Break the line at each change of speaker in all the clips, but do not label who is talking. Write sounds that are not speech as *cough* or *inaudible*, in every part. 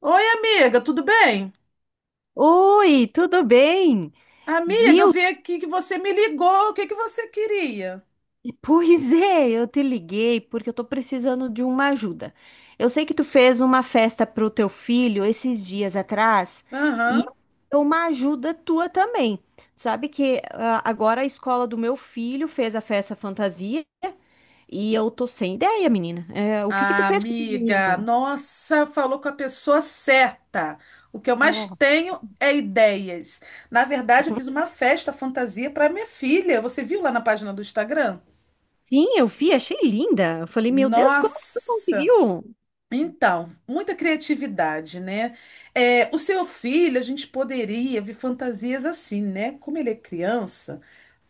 Oi, amiga, tudo bem?
Oi, tudo bem?
Amiga, eu
Viu?
vi aqui que você me ligou. O que que você queria?
*laughs* Pois é, eu te liguei porque eu tô precisando de uma ajuda. Eu sei que tu fez uma festa pro teu filho esses dias atrás e
Aham.
eu quero uma ajuda tua também. Sabe que agora a escola do meu filho fez a festa fantasia e eu tô sem ideia, menina. É, o que que tu
Ah,
fez com o teu
amiga,
menino?
nossa, falou com a pessoa certa. O que eu mais
Oh.
tenho é ideias. Na verdade, eu fiz uma
*laughs*
festa fantasia para minha filha. Você viu lá na página do Instagram?
Sim, eu vi, achei linda. Eu falei, meu Deus, como que tu
Nossa!
conseguiu?
Então, muita criatividade, né? É, o seu filho, a gente poderia ver fantasias assim, né? Como ele é criança.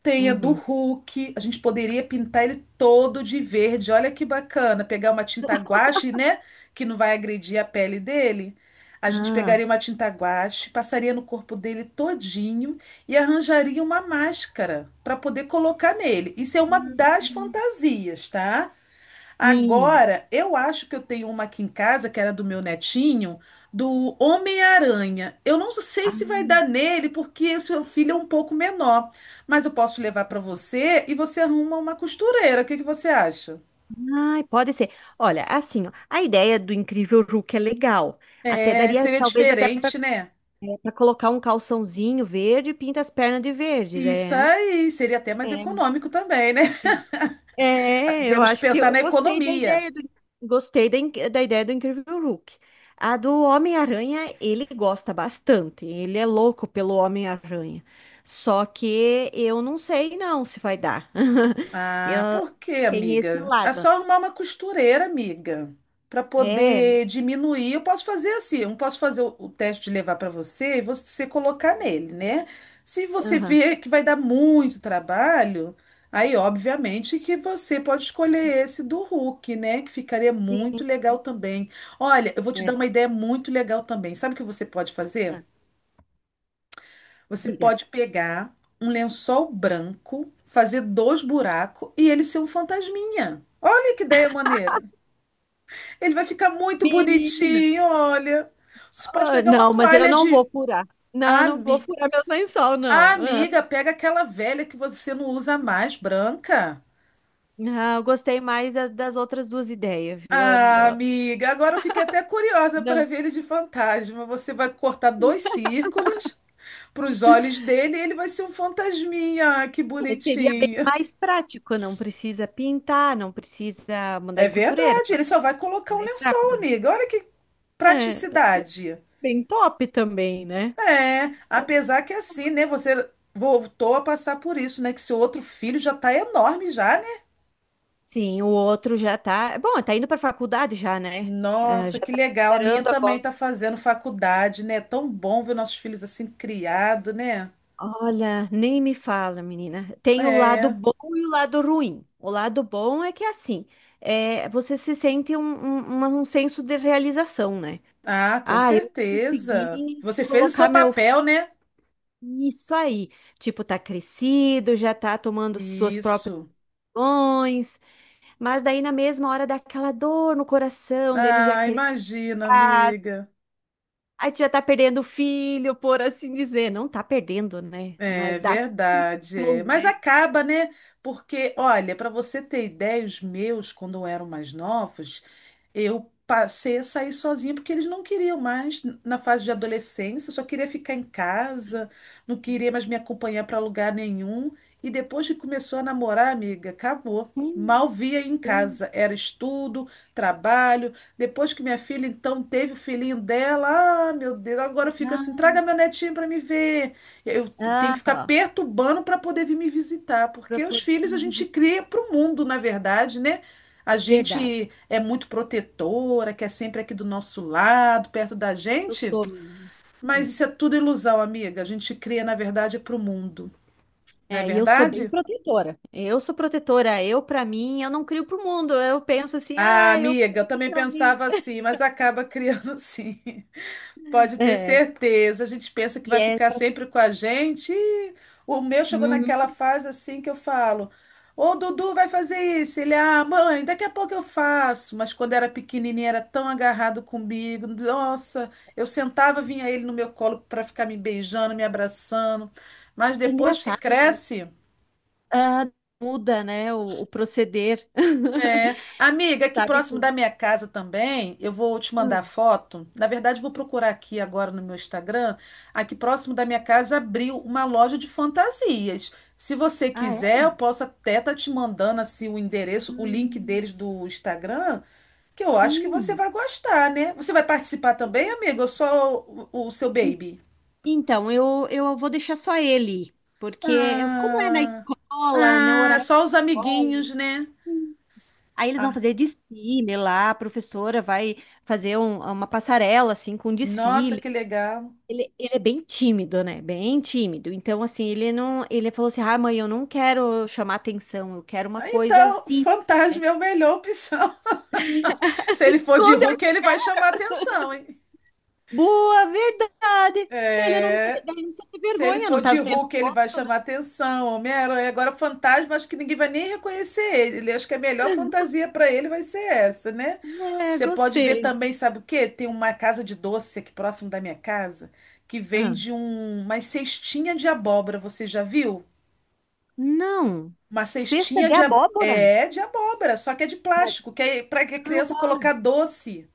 Tem a do
Uhum.
Hulk. A gente poderia pintar ele todo de verde. Olha que bacana. Pegar uma tinta guache, né? Que não vai agredir a pele dele. A gente
Ah.
pegaria uma tinta guache, passaria no corpo dele todinho e arranjaria uma máscara para poder colocar nele. Isso é uma das fantasias, tá?
Sim.
Agora, eu acho que eu tenho uma aqui em casa, que era do meu netinho, do Homem-Aranha. Eu não sei
Ah,
se vai dar nele, porque o seu filho é um pouco menor. Mas eu posso levar para você e você arruma uma costureira. O que que você acha?
ai, pode ser. Olha, assim, ó, a ideia do Incrível Hulk é legal. Até
É,
daria,
seria
talvez, até para
diferente, né?
colocar um calçãozinho verde e pinta as pernas de verde,
Isso
né?
aí, seria até mais
É,
econômico também, né? *laughs*
é, eu
Temos que
acho que
pensar
eu
na
gostei da
economia.
ideia do da ideia do Incrível Hulk. A do Homem-Aranha, ele gosta bastante. Ele é louco pelo Homem-Aranha. Só que eu não sei não se vai dar. *laughs* Eu,
Ah, por quê,
tem esse
amiga? É
lado.
só arrumar uma costureira, amiga, para
É,
poder diminuir. Eu posso fazer assim, eu posso fazer o teste de levar para você e você colocar nele, né? Se você
Aham.
vê que vai dar muito trabalho, aí obviamente que você pode escolher esse do Hulk, né? Que ficaria muito
Sim,
legal também. Olha, eu vou te dar
é.
uma ideia muito legal também. Sabe o que você pode fazer?
Tá,
Você
diga.
pode pegar um lençol branco, fazer dois buracos e ele ser um fantasminha. Olha que ideia maneira. Ele vai ficar muito
Menina,
bonitinho, olha. Você pode
ah,
pegar uma
não, mas eu
toalha
não
de
vou furar. Não, não vou
ami...
furar meu lençol,
Ah,
não. Ah,
amiga, pega aquela velha que você não usa mais, branca.
ah, eu gostei mais das outras duas ideias, viu? Eu
Ah,
não.
amiga, agora eu fiquei até curiosa para
Não.
ver ele de fantasma. Você vai cortar dois círculos para os olhos dele e ele vai ser um fantasminha. Ah, que
É, seria bem
bonitinho.
mais prático, não precisa pintar, não precisa mandar
É
em costureira,
verdade, ele
seria
só vai colocar um
mais
lençol,
rápido.
amiga. Olha que
Né? É,
praticidade.
bem top também, né?
É, apesar que é assim, né? Você voltou a passar por isso, né? Que seu outro filho já tá enorme já, né?
Sim, o outro já tá. Bom, tá indo pra faculdade já, né? É,
Nossa,
já
que
tá
legal. A minha
esperando
também
agora.
tá fazendo faculdade, né? É tão bom ver nossos filhos assim criados, né?
Olha, nem me fala, menina. Tem o lado
É.
bom e o lado ruim. O lado bom é que é assim, é, você se sente um senso de realização, né?
Ah, com
Ah, eu
certeza.
consegui
Você fez o
colocar
seu
meu
papel,
filho.
né?
Isso aí. Tipo, tá crescido, já tá tomando suas próprias
Isso.
decisões, mas daí na mesma hora dá aquela dor no coração dele já
Ah,
querer
imagina,
casa.
amiga.
Aí tu já tá perdendo o filho, por assim dizer. Não tá perdendo, né?
É
Mas dá aquela
verdade.
sensação,
É. Mas
né?
acaba, né? Porque, olha, para você ter ideia, os meus, quando eu eram mais novos, eu passei a sair sozinha porque eles não queriam mais na fase de adolescência, só queria ficar em casa, não queria mais me acompanhar para lugar nenhum. E depois que começou a namorar, amiga, acabou.
Hum.
Mal via em casa. Era estudo, trabalho. Depois que minha filha, então, teve o filhinho dela, ah, meu Deus, agora fica assim:
Ah,
traga meu netinho para me ver. Tenho
ah,
que ficar
ó,
perturbando para poder vir me visitar,
para
porque os
poder
filhos a
ir
gente
visitar.
cria para o mundo, na verdade, né? A
Verdade,
gente é muito protetora, quer sempre aqui do nosso lado, perto da
eu
gente,
sou, menina.
mas
É,
isso é tudo ilusão, amiga. A gente cria, na verdade, para o mundo, não é
é, e eu sou bem
verdade?
protetora. Eu sou protetora. Eu, pra mim, eu não crio pro mundo. Eu penso assim,
Ah,
ah, eu
amiga, eu
quero
também
pra mim.
pensava
*laughs*
assim, mas acaba criando *laughs* sim. Pode ter
É,
certeza. A gente pensa que
e
vai
é,
ficar sempre com a gente. E o meu chegou naquela
uhum.
fase assim que eu falo: Ô Dudu vai fazer isso. Ele, ah, mãe, daqui a pouco eu faço. Mas quando era pequenininho, era tão agarrado comigo. Nossa, eu sentava, vinha ele no meu colo para ficar me beijando, me abraçando. Mas
É
depois que
engraçado, né?
cresce.
Ah, muda, né, o proceder. *laughs*
É, amiga, aqui
Sabe que.
próximo da minha casa também, eu vou te mandar
Hum.
foto. Na verdade, eu vou procurar aqui agora no meu Instagram. Aqui próximo da minha casa abriu uma loja de fantasias. Se você
Ah, é?
quiser, eu posso até estar te mandando assim o endereço, o link
Hum,
deles do Instagram, que eu acho que você
sim.
vai gostar, né? Você vai participar também, amiga? Ou só o seu
En-
baby?
Então, eu vou deixar só ele, porque eu- como é na
Ah,
escola, no
ah,
horário de
só os amiguinhos,
escola.
né?
Aí eles vão
Ah,
fazer desfile lá, a professora vai fazer uma passarela assim com
nossa, que
desfiles.
legal.
Ele é bem tímido, né? Bem tímido. Então assim, ele não, ele falou assim: "Ah, mãe, eu não quero chamar atenção, eu quero uma coisa
Então,
assim,
fantasma é a melhor opção. *laughs*
*laughs*
Se
se
ele for de
esconder".
Hulk, ele vai chamar atenção, hein?
Boa, verdade. Ele não tem,
É,
daí não precisa ter
se ele
vergonha, não
for
tá
de
vendo
Hulk,
o
ele vai
rosto, né?
chamar atenção, Homem-Aranha. Agora, fantasma, acho que ninguém vai nem reconhecer ele. Ele- Acho que a melhor fantasia para ele vai ser essa, né?
É,
Você pode ver
gostei.
também, sabe o quê? Tem uma casa de doce aqui próximo da minha casa que
Ah,
vende um, umas cestinha de abóbora. Você já viu?
não.
Uma
Cesta
cestinha
de
de,
abóbora?
é, de abóbora, só que é de
Mas,
plástico, que é para a
ah,
criança
tá.
colocar doce,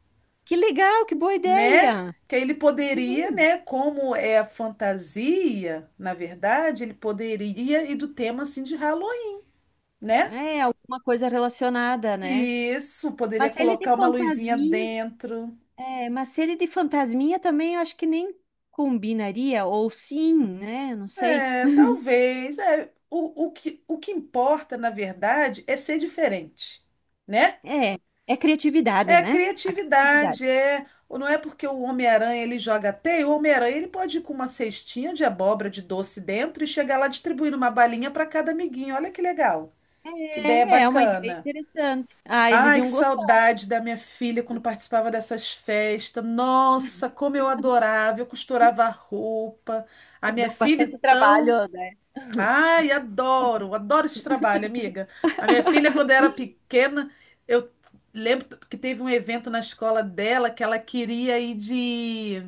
Que legal, que boa
né?
ideia.
Que aí ele poderia,
Uhum.
né? Como é a fantasia, na verdade, ele poderia ir do tema assim de Halloween, né?
É, alguma coisa relacionada, né?
Isso, poderia
Mas ele de
colocar uma luzinha
fantasminha,
dentro.
é, mas se ele de fantasminha também eu acho que nem combinaria, ou sim, né? Não sei.
É, talvez. É. O, o que importa, na verdade, é ser diferente, né?
É, é criatividade,
É
né? A criatividade.
criatividade, é. Ou não é porque o Homem-Aranha ele joga teia, o Homem-Aranha ele pode ir com uma cestinha de abóbora de doce dentro e chegar lá distribuindo uma balinha para cada amiguinho. Olha que legal, que ideia
É, é uma ideia
bacana.
interessante. Ah, eles
Ai, que
iam gostar,
saudade da minha filha quando participava dessas festas. Nossa, como eu adorava, eu costurava roupa. A minha
dão
filha,
bastante
então.
trabalho, né?
Ai, adoro, adoro esse trabalho, amiga. A minha filha, quando era pequena, eu lembro que teve um evento na escola dela que ela queria ir de.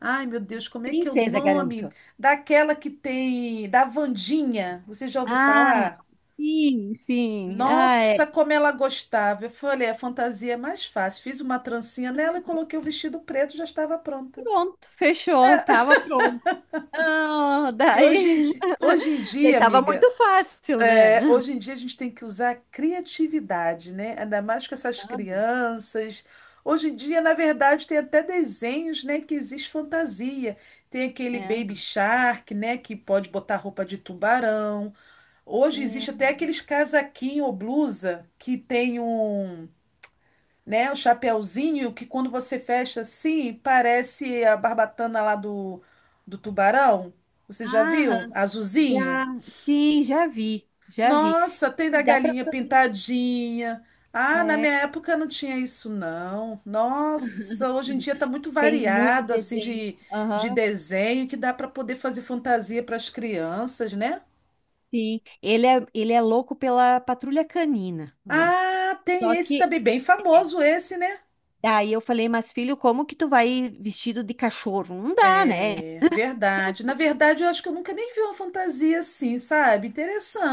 Ai, meu Deus, como é que é o
Princesa,
nome?
garanto.
Daquela que tem. Da Wandinha. Você já ouviu
Ah,
falar?
sim. Ah,
Nossa,
é.
como ela gostava. Eu falei, a fantasia é mais fácil. Fiz uma trancinha nela e coloquei o vestido preto, já estava pronta.
Pronto, fechou, tava pronto. Ah,
E
daí, *laughs*
hoje em
daí
dia,
tava
amiga.
muito fácil, né?
Hoje em dia a gente tem que usar a criatividade, né? Ainda mais com essas crianças. Hoje em dia, na verdade, tem até desenhos, né, que existe fantasia. Tem aquele
É,
Baby Shark, né, que pode botar roupa de tubarão. Hoje
é.
existe até aqueles casaquinho ou blusa que tem um, né, um chapéuzinho que quando você fecha assim, parece a barbatana lá do, do tubarão. Você já
Ah,
viu? Azulzinho.
já vi.
Nossa, tem
E
da
dá para
galinha
fazer.
pintadinha. Ah, na minha
É,
época não tinha isso, não. Nossa, hoje em
*laughs*
dia tá muito
tem muito
variado, assim,
desenho.
de
Aham,
desenho que dá para poder fazer fantasia para as crianças, né?
sim. Ele é louco pela patrulha canina, né?
Ah, tem
Só
esse
que
também, bem
é,
famoso esse, né?
daí eu falei, mas filho, como que tu vai vestido de cachorro? Não dá, né?
É, verdade. Na verdade, eu acho que eu nunca nem vi uma fantasia assim, sabe?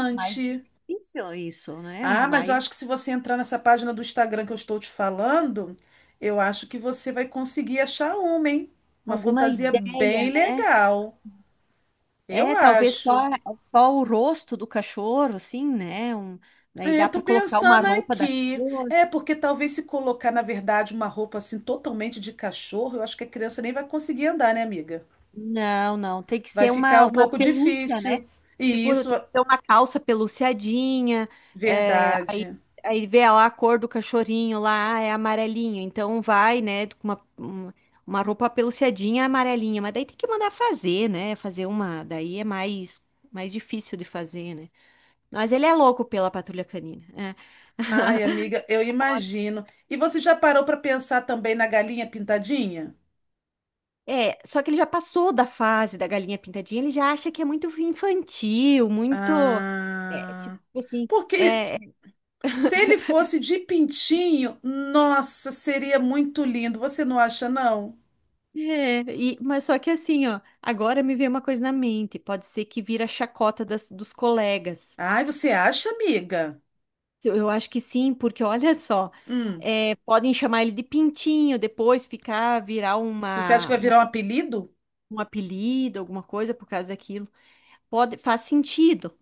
É mais difícil isso, né?
Ah, mas eu
Mais
acho que se você entrar nessa página do Instagram que eu estou te falando, eu acho que você vai conseguir achar uma, hein? Uma
alguma
fantasia
ideia,
bem
né?
legal. Eu
É,
acho.
só o rosto do cachorro, assim, né? Um, aí
É,
dá
eu tô
para colocar uma
pensando
roupa da
aqui.
cor.
É, porque talvez se colocar, na verdade, uma roupa assim totalmente de cachorro, eu acho que a criança nem vai conseguir andar, né, amiga?
Não, tem que
Vai
ser
ficar
uma,
um
uma
pouco
pelúcia, né?
difícil. E
Tipo,
isso,
tem que ser uma calça peluciadinha. É, aí,
verdade.
aí vê lá a cor do cachorrinho lá, ah, é amarelinho. Então vai, né, com uma roupa peluciadinha amarelinha. Mas daí tem que mandar fazer, né? Fazer uma. Daí é mais difícil de fazer, né? Mas ele é louco pela patrulha canina. É.
Ai, amiga, eu imagino. E você já parou para pensar também na galinha pintadinha?
É, só que ele já passou da fase da galinha pintadinha, ele já acha que é muito infantil, muito. É, tipo
Ah,
assim.
porque
É,
se ele fosse de pintinho, nossa, seria muito lindo. Você não acha, não?
é, mas só que assim, ó, agora me veio uma coisa na mente, pode ser que vira a chacota dos colegas.
Ai, você acha, amiga?
Eu acho que sim, porque olha só,
Hum,
é, podem chamar ele de pintinho, depois ficar, virar
você acha que vai virar um apelido?
um apelido, alguma coisa por causa daquilo. Pode, faz sentido.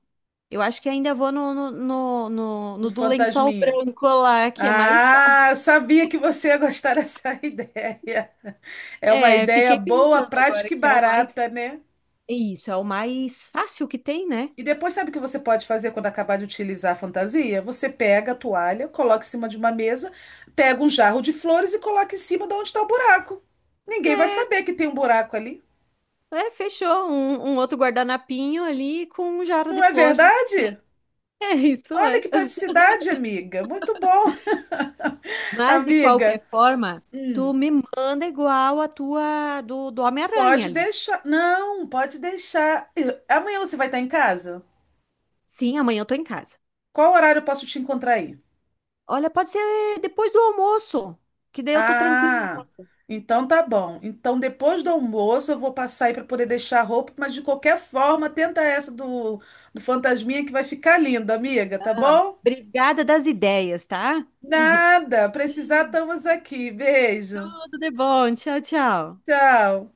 Eu acho que ainda vou no, no, no, no,
Um
no do lençol
fantasminha?
branco lá, que é mais fácil.
Ah, eu sabia que você ia gostar dessa *laughs* ideia. É uma
É,
ideia
fiquei
boa,
pensando agora
prática e
que é o mais.
barata, né?
É isso, é o mais fácil que tem, né?
E depois, sabe o que você pode fazer quando acabar de utilizar a fantasia? Você pega a toalha, coloca em cima de uma mesa, pega um jarro de flores e coloca em cima de onde está o buraco. Ninguém vai
É,
saber que tem um buraco ali.
é, fechou. Um outro guardanapinho ali com um jarro
Não
de
é
flor. *laughs*
verdade?
É, isso
Olha
é.
que praticidade, amiga. Muito bom, *laughs*
Mas, de qualquer
amiga.
forma, tu
Hum,
me manda igual a tua do, do Homem-Aranha
pode
ali.
deixar. Não, pode deixar. Eu- Amanhã você vai estar em casa?
Sim, amanhã eu tô em casa.
Qual horário eu posso te encontrar aí?
Olha, pode ser depois do almoço, que daí eu tô tranquila em
Ah,
casa.
então tá bom. Então depois do almoço eu vou passar aí para poder deixar a roupa, mas de qualquer forma, tenta essa do, do fantasminha que vai ficar linda, amiga, tá bom?
Obrigada das ideias, tá?
Nada, precisar estamos aqui. Beijo.
Tudo de bom. Tchau, tchau.
Tchau.